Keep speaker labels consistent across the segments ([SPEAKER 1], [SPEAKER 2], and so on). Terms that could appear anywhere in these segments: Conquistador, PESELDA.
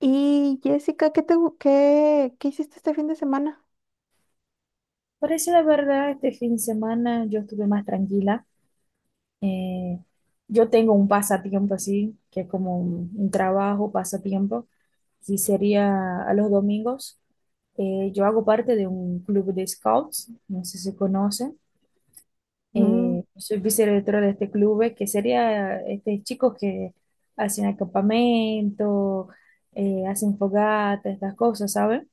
[SPEAKER 1] Y Jessica, ¿qué te, gu- qué, qué hiciste este fin de semana?
[SPEAKER 2] Por decir la verdad, este fin de semana yo estuve más tranquila. Eh, yo tengo un pasatiempo así, que es como un trabajo, pasatiempo, y sería a los domingos. Yo hago parte de un club de scouts, no sé si conocen.
[SPEAKER 1] Mm.
[SPEAKER 2] Soy vicedirectora de este club, que sería este, chicos que hacen acampamento, hacen fogata, estas cosas, ¿saben?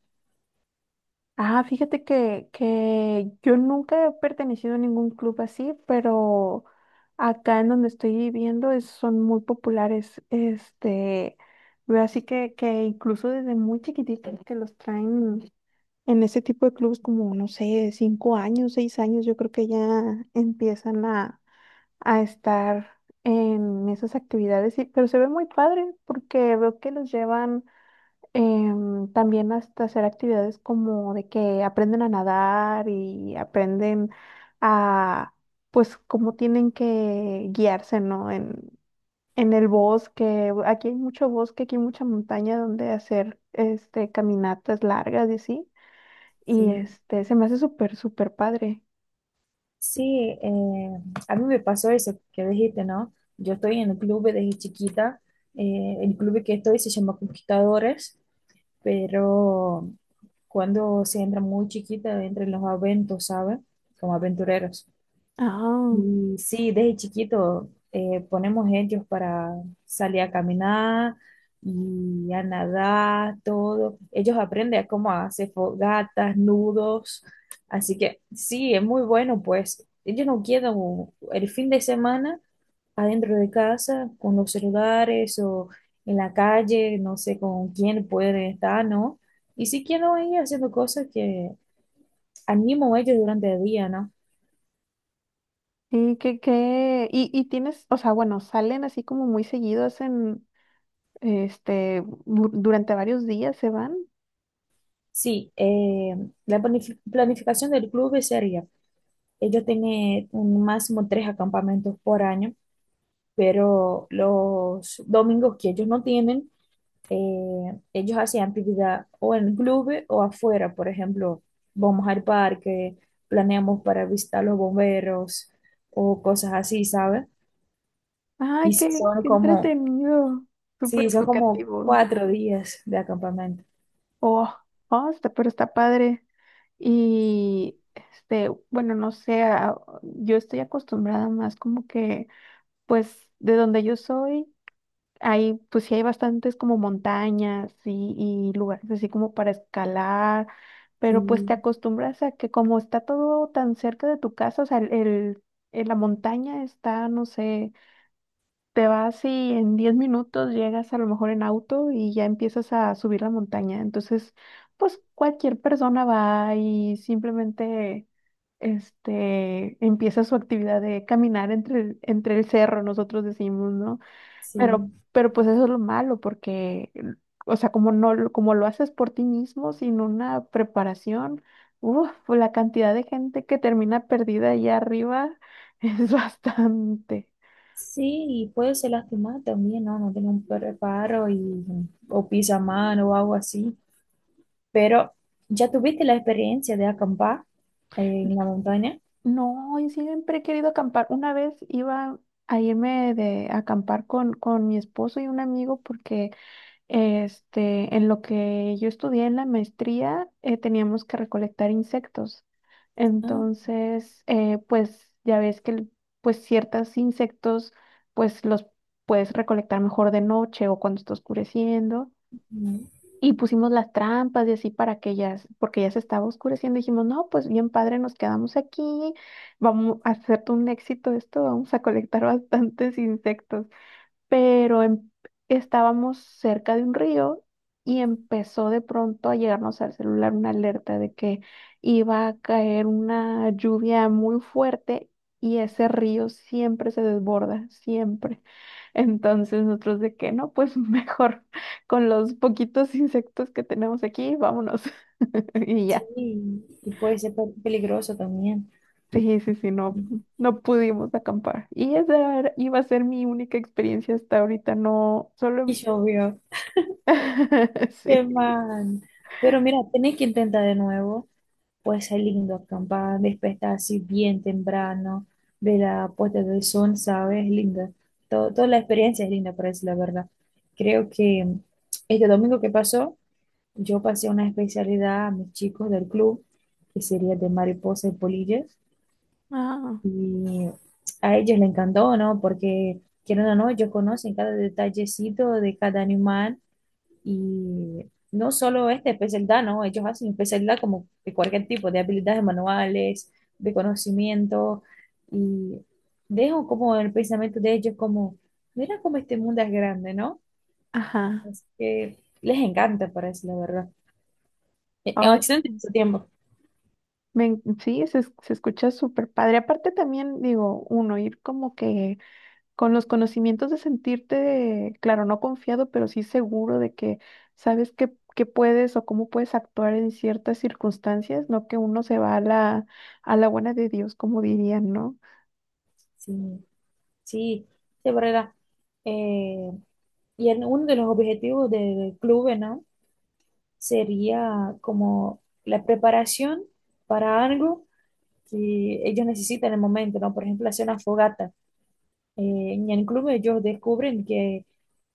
[SPEAKER 1] Ah, fíjate que, yo nunca he pertenecido a ningún club así, pero acá en donde estoy viviendo es- son muy populares. Este, veo así que incluso desde muy chiquititos que los traen en ese tipo de clubes como, no sé, cinco años, seis años, yo creo que ya empiezan a estar en esas actividades, y- pero se ve muy padre porque veo que los llevan también hasta hacer actividades como de que aprenden a nadar y aprenden a, pues, cómo tienen que guiarse, ¿no? En el bosque, aquí hay mucho bosque, aquí hay mucha montaña donde hacer este, caminatas largas y así, y
[SPEAKER 2] Sí.
[SPEAKER 1] este, se me hace súper, súper padre.
[SPEAKER 2] Sí, a mí me pasó eso que dijiste, ¿no? Yo estoy en el club desde chiquita. El club que estoy se llama Conquistadores, pero cuando se entra muy chiquita, entra en los aventos, ¿sabes? Como aventureros.
[SPEAKER 1] Ah.
[SPEAKER 2] Y sí, desde chiquito ponemos ellos para salir a caminar y a nadar, todo. Ellos aprenden a cómo hacer fogatas, nudos. Así que sí, es muy bueno, pues ellos no quedan el fin de semana adentro de casa con los celulares o en la calle, no sé con quién pueden estar, ¿no? Y sí quedan ahí haciendo cosas que animan a ellos durante el día, ¿no?
[SPEAKER 1] Sí, que, y tienes, o sea, bueno, salen así como muy seguidos en, este, bu- durante varios días se van.
[SPEAKER 2] Sí, planificación del club sería, ellos tienen un máximo 3 acampamentos por año, pero los domingos que ellos no tienen, ellos hacen actividad o en el club o afuera, por ejemplo, vamos al parque, planeamos para visitar los bomberos o cosas así, ¿sabes? Y
[SPEAKER 1] Ay,
[SPEAKER 2] si
[SPEAKER 1] qué,
[SPEAKER 2] son
[SPEAKER 1] qué
[SPEAKER 2] como,
[SPEAKER 1] entretenido, súper
[SPEAKER 2] sí, son como
[SPEAKER 1] educativo.
[SPEAKER 2] 4 días de acampamento.
[SPEAKER 1] Oh, oh, está, pero está padre. Y, este, bueno, no sé, a- yo estoy acostumbrada más como que, pues, de donde yo soy. Hay, pues sí hay bastantes como montañas y lugares así como para escalar, pero pues te
[SPEAKER 2] Sí,
[SPEAKER 1] acostumbras a que como está todo tan cerca de tu casa, o sea, el- la montaña está, no sé, te vas y en 10 minutos llegas a lo mejor en auto y ya empiezas a subir la montaña. Entonces, pues cualquier persona va y simplemente este, empieza su actividad de caminar entre el cerro, nosotros decimos, ¿no?
[SPEAKER 2] sí.
[SPEAKER 1] Pero pues eso es lo malo, porque, o sea, como no, lo- como lo haces por ti mismo, sin una preparación, uf, pues, la cantidad de gente que termina perdida allá arriba es bastante.
[SPEAKER 2] Sí, y puede ser lastimar también, ¿no? No tiene un preparo y, o pisa mano o algo así. Pero, ¿ya tuviste la experiencia de acampar en la montaña?
[SPEAKER 1] No, yo siempre he querido acampar. Una vez iba a irme de a acampar con mi esposo y un amigo porque este, en lo que yo estudié en la maestría, teníamos que recolectar insectos.
[SPEAKER 2] Ah,
[SPEAKER 1] Entonces, pues ya ves que el- pues ciertos insectos, pues los puedes recolectar mejor de noche o cuando está oscureciendo.
[SPEAKER 2] no.
[SPEAKER 1] Y pusimos las trampas y así para que ya, s- porque ya se estaba oscureciendo. Dijimos, no, pues bien padre, nos quedamos aquí, vamos a hacer un éxito esto, vamos a colectar bastantes insectos pero em- estábamos cerca de un río y empezó de pronto a llegarnos al celular una alerta de que iba a caer una lluvia muy fuerte y ese río siempre se desborda, siempre. Entonces nosotros de que no, pues mejor con los poquitos insectos que tenemos aquí, vámonos y
[SPEAKER 2] Sí,
[SPEAKER 1] ya.
[SPEAKER 2] y puede ser peligroso también.
[SPEAKER 1] Sí, sí, sí, no, no pudimos acampar. Y esa era- iba a ser mi única experiencia hasta ahorita, no,
[SPEAKER 2] Y
[SPEAKER 1] solo...
[SPEAKER 2] llovió. Qué
[SPEAKER 1] Sí.
[SPEAKER 2] mal. Pero mira, tenés que intentar de nuevo. Puede ser lindo acampar, despertarse bien temprano, ver la puesta del sol, ¿sabes? Es linda. Todo- toda la experiencia es linda, para decir la verdad. Creo que este domingo que pasó, yo pasé una especialidad a mis chicos del club, que sería de mariposas y polillas,
[SPEAKER 1] Ah,
[SPEAKER 2] y a ellos les encantó, ¿no? Porque, quieren o no, ellos conocen cada detallecito de cada animal y no solo este PESELDA, no, ellos hacen PESELDA como de cualquier tipo, de habilidades manuales, de conocimiento, y dejo como el pensamiento de ellos como, mira cómo este mundo es grande, ¿no?
[SPEAKER 1] ajá.
[SPEAKER 2] Es que les encanta, parece, la verdad. En
[SPEAKER 1] Ay,
[SPEAKER 2] Occidente en su tiempo.
[SPEAKER 1] me en- sí, se, es- se escucha súper padre. Aparte también, digo, uno, ir como que con los conocimientos de sentirte, claro, no confiado, pero sí seguro de que sabes qué, qué puedes o cómo puedes actuar en ciertas circunstancias, no que uno se va a la buena de Dios, como dirían, ¿no?
[SPEAKER 2] Sí, sí, de verdad. Eh, y en uno de los objetivos del club, ¿no? Sería como la preparación para algo que ellos necesitan en el momento, ¿no? Por ejemplo, hacer una fogata. En el club ellos descubren que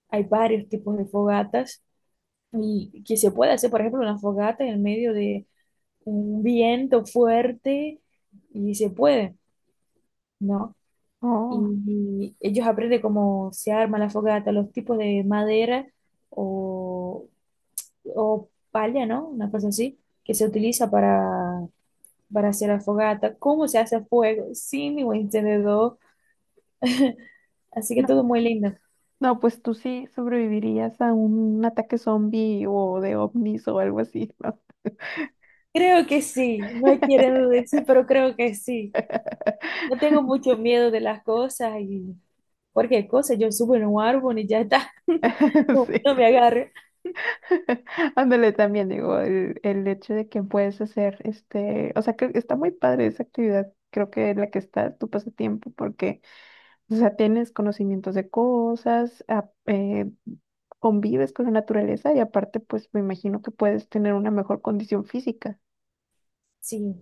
[SPEAKER 2] hay varios tipos de fogatas y que se puede hacer, por ejemplo, una fogata en medio de un viento fuerte y se puede, ¿no? Y,
[SPEAKER 1] Oh,
[SPEAKER 2] y ellos aprenden cómo se arma la fogata, los tipos de madera o, o palla, ¿no? Una cosa así, que se utiliza para hacer la fogata, cómo se hace fuego sin ningún encendedor. Así que
[SPEAKER 1] no,
[SPEAKER 2] todo muy lindo.
[SPEAKER 1] no, pues tú sí sobrevivirías a un ataque zombie o de ovnis o algo así, ¿no?
[SPEAKER 2] Creo que sí, no quiero decir, pero creo que sí. No tengo mucho miedo de las cosas y cualquier cosa, yo subo en un árbol y ya está, no, no
[SPEAKER 1] Sí.
[SPEAKER 2] me agarre.
[SPEAKER 1] Ándale también, digo, el hecho de que puedes hacer este, o sea, que está muy padre esa actividad, creo que en la que está tu pasatiempo, porque, o sea, tienes conocimientos de cosas, a- convives con la naturaleza y aparte, pues me imagino que puedes tener una mejor condición física.
[SPEAKER 2] Sí,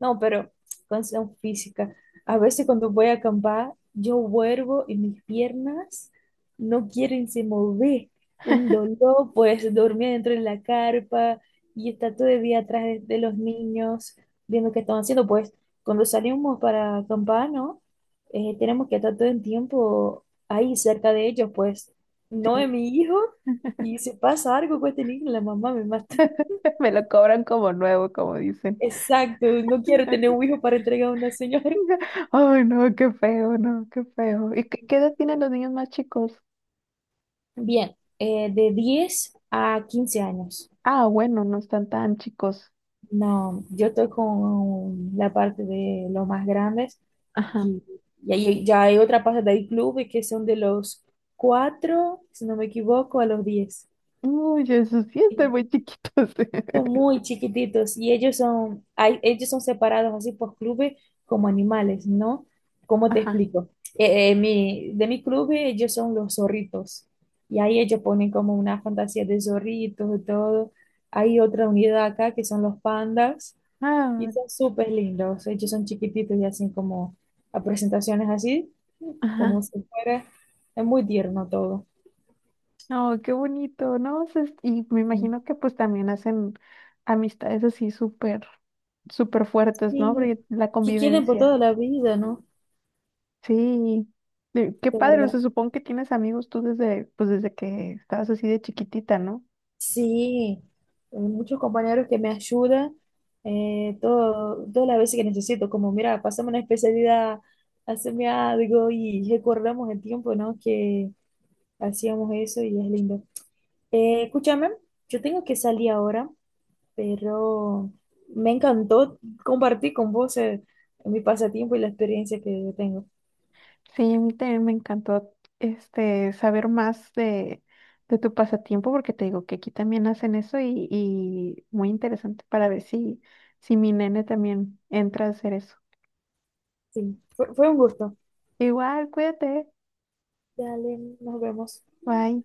[SPEAKER 2] no, pero condición física. A veces cuando voy a acampar, yo vuelvo y mis piernas no quieren se mover. Un dolor, pues dormir dentro de la carpa y estar todo el día atrás de los niños, viendo qué están haciendo. Pues cuando salimos para acampar, ¿no? Tenemos que estar todo el tiempo ahí cerca de ellos, pues no es
[SPEAKER 1] Sí.
[SPEAKER 2] mi hijo. Y si pasa algo con este niño, la mamá me mata.
[SPEAKER 1] Me lo cobran como nuevo, como dicen.
[SPEAKER 2] Exacto, no quiero tener un hijo para entregar a una señora.
[SPEAKER 1] Ay, no, qué feo, no, qué feo. ¿Y qué, qué edad tienen los niños más chicos?
[SPEAKER 2] Bien, de 10 a 15 años.
[SPEAKER 1] Ah, bueno, no están tan chicos.
[SPEAKER 2] No, yo estoy con la parte de los más grandes
[SPEAKER 1] Ajá.
[SPEAKER 2] que- y ahí ya hay otra parte del club y que son de los 4, si no me equivoco, a los 10.
[SPEAKER 1] Uy, Jesús, sí están muy chiquitos.
[SPEAKER 2] Son muy chiquititos y ellos son, hay, ellos son separados así por clubes como animales, ¿no? ¿Cómo te
[SPEAKER 1] Ajá,
[SPEAKER 2] explico? Mi, de mi club ellos son los zorritos y ahí ellos ponen como una fantasía de zorritos y todo. Hay otra unidad acá que son los pandas y
[SPEAKER 1] ah,
[SPEAKER 2] son súper lindos. Ellos son chiquititos y hacen como a presentaciones así,
[SPEAKER 1] ajá.
[SPEAKER 2] como si fuera, es muy tierno todo.
[SPEAKER 1] No, qué bonito, ¿no? O sea, es- y me imagino que pues también hacen amistades así súper, súper fuertes, ¿no?
[SPEAKER 2] Sí,
[SPEAKER 1] Porque la
[SPEAKER 2] que quieren por toda
[SPEAKER 1] convivencia.
[SPEAKER 2] la vida, ¿no?
[SPEAKER 1] Sí. Qué
[SPEAKER 2] De
[SPEAKER 1] padre, o sea,
[SPEAKER 2] verdad.
[SPEAKER 1] supongo que tienes amigos tú desde, pues desde que estabas así de chiquitita, ¿no?
[SPEAKER 2] Sí, muchos compañeros que me ayudan todo, todas las veces que necesito, como mira, pásame una especialidad, hazme algo y recordamos el tiempo, ¿no? Que hacíamos eso y es lindo. Escúchame, yo tengo que salir ahora, pero me encantó compartir con vos mi pasatiempo y la experiencia que tengo.
[SPEAKER 1] Sí, a mí también me encantó este saber más de tu pasatiempo, porque te digo que aquí también hacen eso y muy interesante para ver si, si mi nene también entra a hacer eso.
[SPEAKER 2] Sí, fue un gusto.
[SPEAKER 1] Igual, cuídate.
[SPEAKER 2] Dale, nos vemos.
[SPEAKER 1] Bye.